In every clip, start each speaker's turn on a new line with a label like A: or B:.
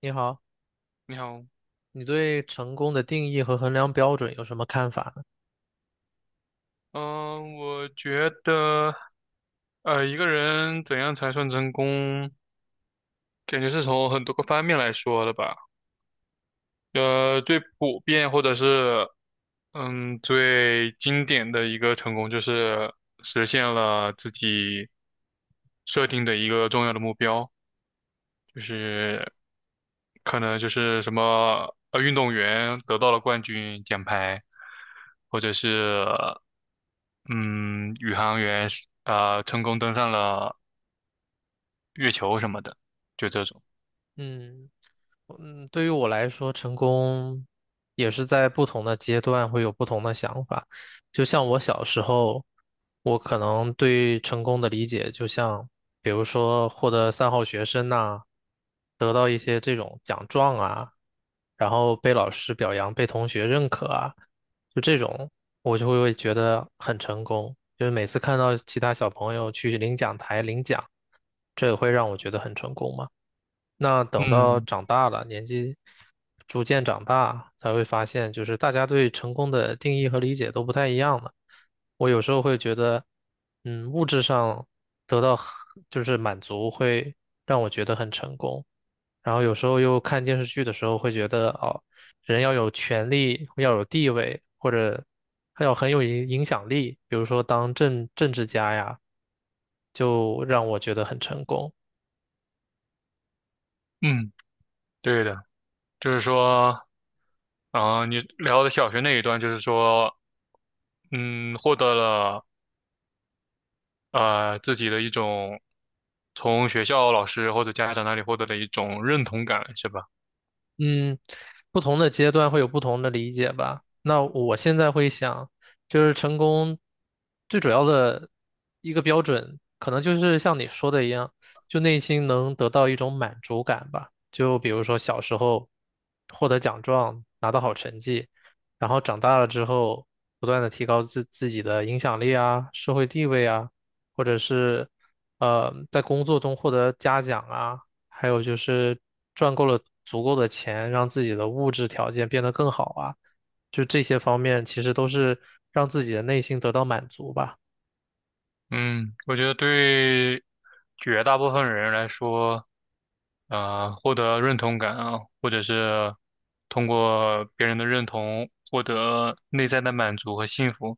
A: 你好，
B: 你好。
A: 你对成功的定义和衡量标准有什么看法呢？
B: 嗯，我觉得，一个人怎样才算成功，感觉是从很多个方面来说的吧。最普遍或者是，最经典的一个成功就是实现了自己设定的一个重要的目标。就是可能就是什么运动员得到了冠军奖牌，或者是嗯宇航员成功登上了月球什么的，就这种。
A: 嗯。嗯，对于我来说，成功也是在不同的阶段会有不同的想法。就像我小时候，我可能对成功的理解，就像比如说获得三好学生呐、得到一些这种奖状啊，然后被老师表扬、被同学认可啊，就这种我就会觉得很成功。就是每次看到其他小朋友去领奖台领奖，这也会让我觉得很成功嘛。那等到
B: 嗯
A: 长大了，年纪逐渐长大，才会发现，就是大家对成功的定义和理解都不太一样了。我有时候会觉得，嗯，物质上得到很就是满足，会让我觉得很成功。然后有时候又看电视剧的时候，会觉得哦，人要有权利，要有地位，或者还要很有影影响力，比如说当政政治家呀，就让我觉得很成功。
B: 嗯，对的，就是说，你聊的小学那一段，就是说，获得了自己的一种从学校老师或者家长那里获得的一种认同感，是吧？
A: 嗯，不同的阶段会有不同的理解吧。那我现在会想，就是成功最主要的一个标准，可能就是像你说的一样，就内心能得到一种满足感吧。就比如说小时候获得奖状，拿到好成绩，然后长大了之后不断的提高自自己的影响力啊、社会地位啊，或者是在工作中获得嘉奖啊。还有就是赚够了足够的钱，让自己的物质条件变得更好啊，就这些方面其实都是让自己的内心得到满足吧。
B: 嗯，我觉得对绝大部分人来说，获得认同感啊，或者是通过别人的认同获得内在的满足和幸福，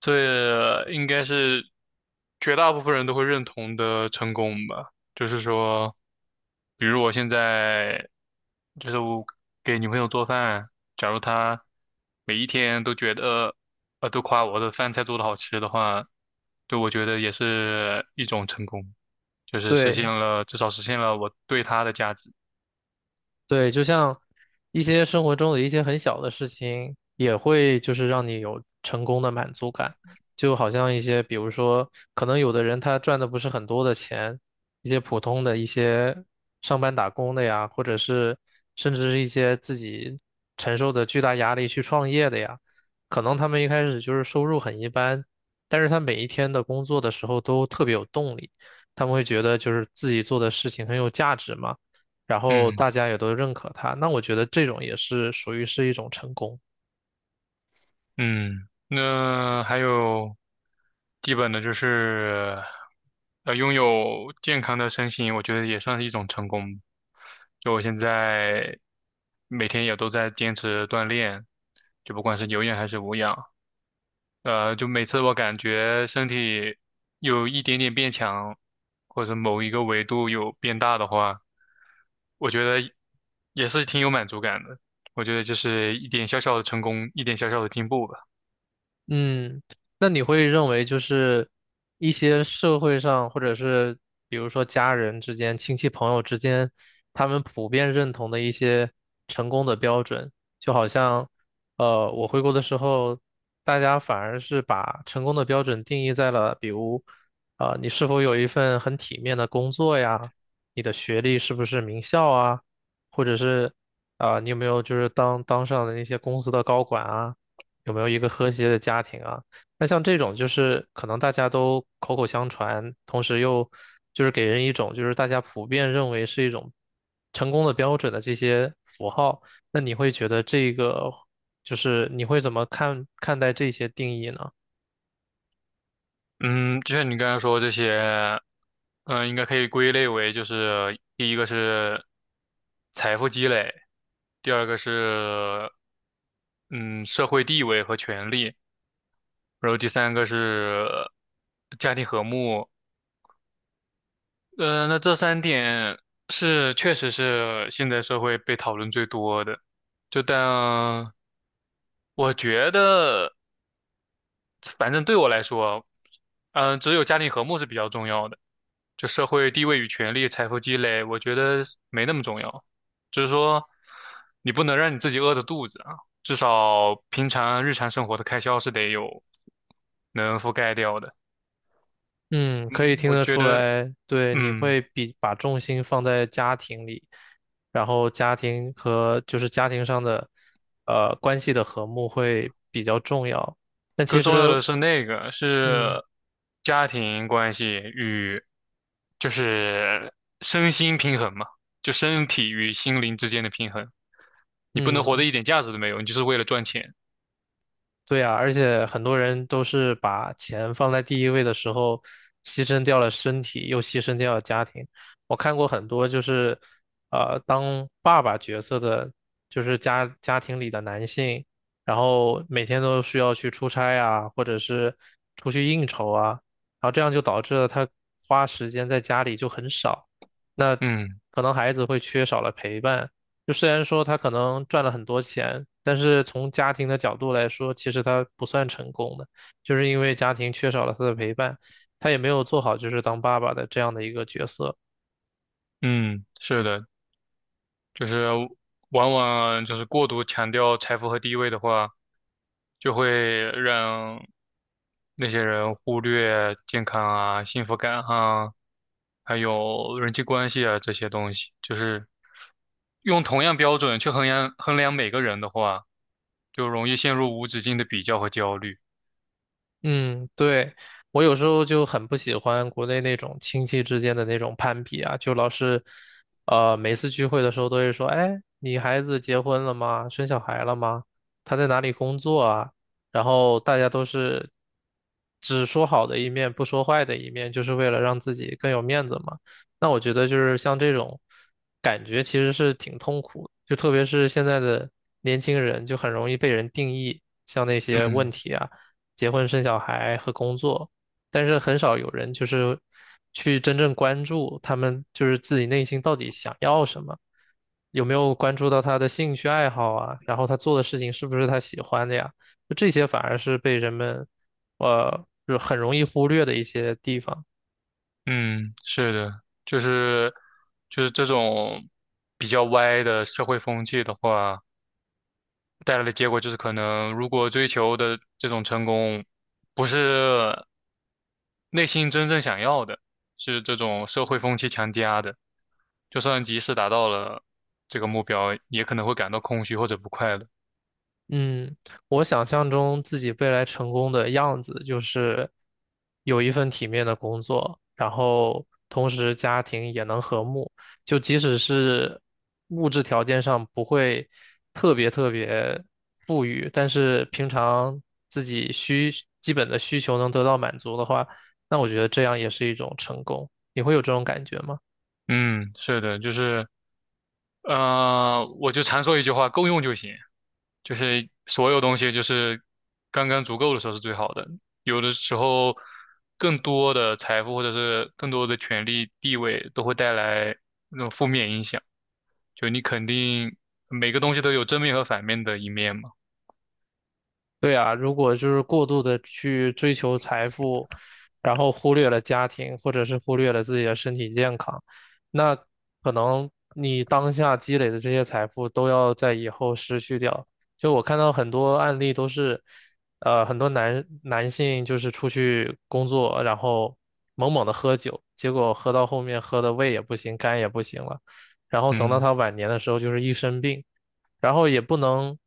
B: 这应该是绝大部分人都会认同的成功吧。就是说，比如我现在就是我给女朋友做饭，假如她每一天都觉得都夸我的饭菜做的好吃的话，对我觉得也是一种成功。就是实现
A: 对。
B: 了，至少实现了我对他的价值。
A: 对，就像一些生活中的一些很小的事情，也会就是让你有成功的满足感。就好像一些，比如说，可能有的人他赚的不是很多的钱，一些普通的一些上班打工的呀，或者是甚至是一些自己承受着巨大压力去创业的呀，可能他们一开始就是收入很一般，但是他每一天的工作的时候都特别有动力，他们会觉得就是自己做的事情很有价值嘛。然后
B: 嗯
A: 大家也都认可他，那我觉得这种也是属于是一种成功。
B: 嗯，那还有基本的就是，拥有健康的身心，我觉得也算是一种成功。就我现在每天也都在坚持锻炼，就不管是有氧还是无氧。就每次我感觉身体有一点点变强，或者某一个维度有变大的话，我觉得也是挺有满足感的。我觉得就是一点小小的成功，一点小小的进步吧。
A: 嗯，那你会认为就是一些社会上，或者是比如说家人之间、亲戚朋友之间，他们普遍认同的一些成功的标准，就好像，我回国的时候，大家反而是把成功的标准定义在了，比如，你是否有一份很体面的工作呀，你的学历是不是名校啊，或者是，啊、你有没有就是当当上的那些公司的高管啊。有没有一个和谐的家庭啊？那像这种就是可能大家都口口相传，同时又就是给人一种就是大家普遍认为是一种成功的标准的这些符号，那你会觉得这个就是你会怎么看看待这些定义呢？
B: 嗯，就像你刚才说这些，应该可以归类为就是第一个是财富积累，第二个是嗯社会地位和权利，然后第三个是家庭和睦，那这三点是确实是现在社会被讨论最多的。就但我觉得，反正对我来说，只有家庭和睦是比较重要的。就社会地位与权力、财富积累，我觉得没那么重要。就是说，你不能让你自己饿着肚子啊，至少平常日常生活的开销是得有能覆盖掉的。
A: 嗯，可以
B: 嗯，
A: 听
B: 我
A: 得
B: 觉
A: 出
B: 得，
A: 来，对，你
B: 嗯。
A: 会比把重心放在家庭里，然后家庭和就是家庭上的关系的和睦会比较重要。但其
B: 更重要的
A: 实，
B: 是那个
A: 嗯。
B: 是家庭关系与就是身心平衡嘛，就身体与心灵之间的平衡。你不能活得
A: 嗯，
B: 一点价值都没有，你就是为了赚钱。
A: 对呀，而且很多人都是把钱放在第一位的时候，牺牲掉了身体，又牺牲掉了家庭。我看过很多就是，当爸爸角色的，就是家家庭里的男性，然后每天都需要去出差啊，或者是出去应酬啊，然后这样就导致了他花时间在家里就很少，那
B: 嗯，
A: 可能孩子会缺少了陪伴。就虽然说他可能赚了很多钱，但是从家庭的角度来说，其实他不算成功的，就是因为家庭缺少了他的陪伴，他也没有做好就是当爸爸的这样的一个角色。
B: 嗯，是的，就是往往就是过度强调财富和地位的话，就会让那些人忽略健康啊、幸福感啊，还有人际关系啊这些东西，就是。用同样标准去衡量每个人的话，就容易陷入无止境的比较和焦虑。
A: 嗯，对，我有时候就很不喜欢国内那种亲戚之间的那种攀比啊，就老是，每次聚会的时候都会说，哎，你孩子结婚了吗？生小孩了吗？他在哪里工作啊？然后大家都是只说好的一面，不说坏的一面，就是为了让自己更有面子嘛。那我觉得就是像这种感觉其实是挺痛苦的，就特别是现在的年轻人，就很容易被人定义，像那些问
B: 嗯
A: 题啊。结婚生小孩和工作，但是很少有人就是去真正关注他们就是自己内心到底想要什么，有没有关注到他的兴趣爱好啊，然后他做的事情是不是他喜欢的呀？就这些反而是被人们就很容易忽略的一些地方。
B: 嗯，是的，就是这种比较歪的社会风气的话，带来的结果就是可能如果追求的这种成功不是内心真正想要的，是这种社会风气强加的，就算即使达到了这个目标，也可能会感到空虚或者不快乐。
A: 嗯，我想象中自己未来成功的样子就是有一份体面的工作，然后同时家庭也能和睦，就即使是物质条件上不会特别特别富裕，但是平常自己需基本的需求能得到满足的话，那我觉得这样也是一种成功。你会有这种感觉吗？
B: 嗯，是的，就是。我就常说一句话，够用就行。就是所有东西就是刚刚足够的时候是最好的。有的时候，更多的财富或者是更多的权利、地位都会带来那种负面影响。就你肯定每个东西都有正面和反面的一面嘛。
A: 对啊，如果就是过度的去追求财富，然后忽略了家庭，或者是忽略了自己的身体健康，那可能你当下积累的这些财富都要在以后失去掉。就我看到很多案例都是，很多男男性就是出去工作，然后猛猛的喝酒，结果喝到后面喝的胃也不行，肝也不行了，然后等到
B: 嗯，
A: 他晚年的时候就是一身病。然后也不能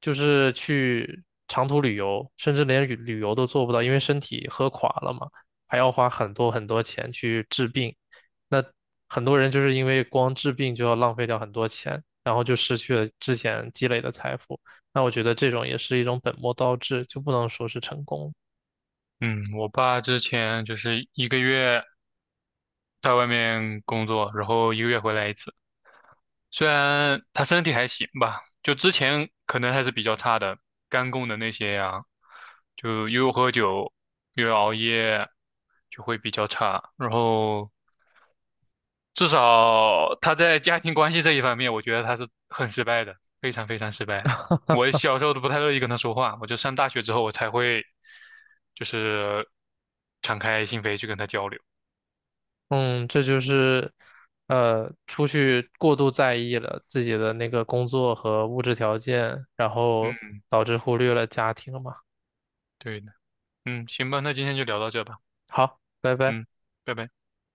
A: 就是去长途旅游，甚至连旅旅游都做不到，因为身体喝垮了嘛，还要花很多很多钱去治病。那很多人就是因为光治病就要浪费掉很多钱，然后就失去了之前积累的财富。那我觉得这种也是一种本末倒置，就不能说是成功。
B: 嗯，我爸之前就是一个月在外面工作，然后一个月回来一次。虽然他身体还行吧，就之前可能还是比较差的，肝功能那些呀、就又喝酒又熬夜，就会比较差。然后至少他在家庭关系这一方面，我觉得他是很失败的，非常非常失败的。我小时候都不太乐意跟他说话，我就上大学之后我才会就是敞开心扉去跟他交流。
A: 嗯，这就是，出去过度在意了自己的那个工作和物质条件，然后
B: 嗯，
A: 导致忽略了家庭嘛。
B: 对的，嗯，行吧，那今天就聊到这吧，
A: 好，拜拜。
B: 嗯，拜拜。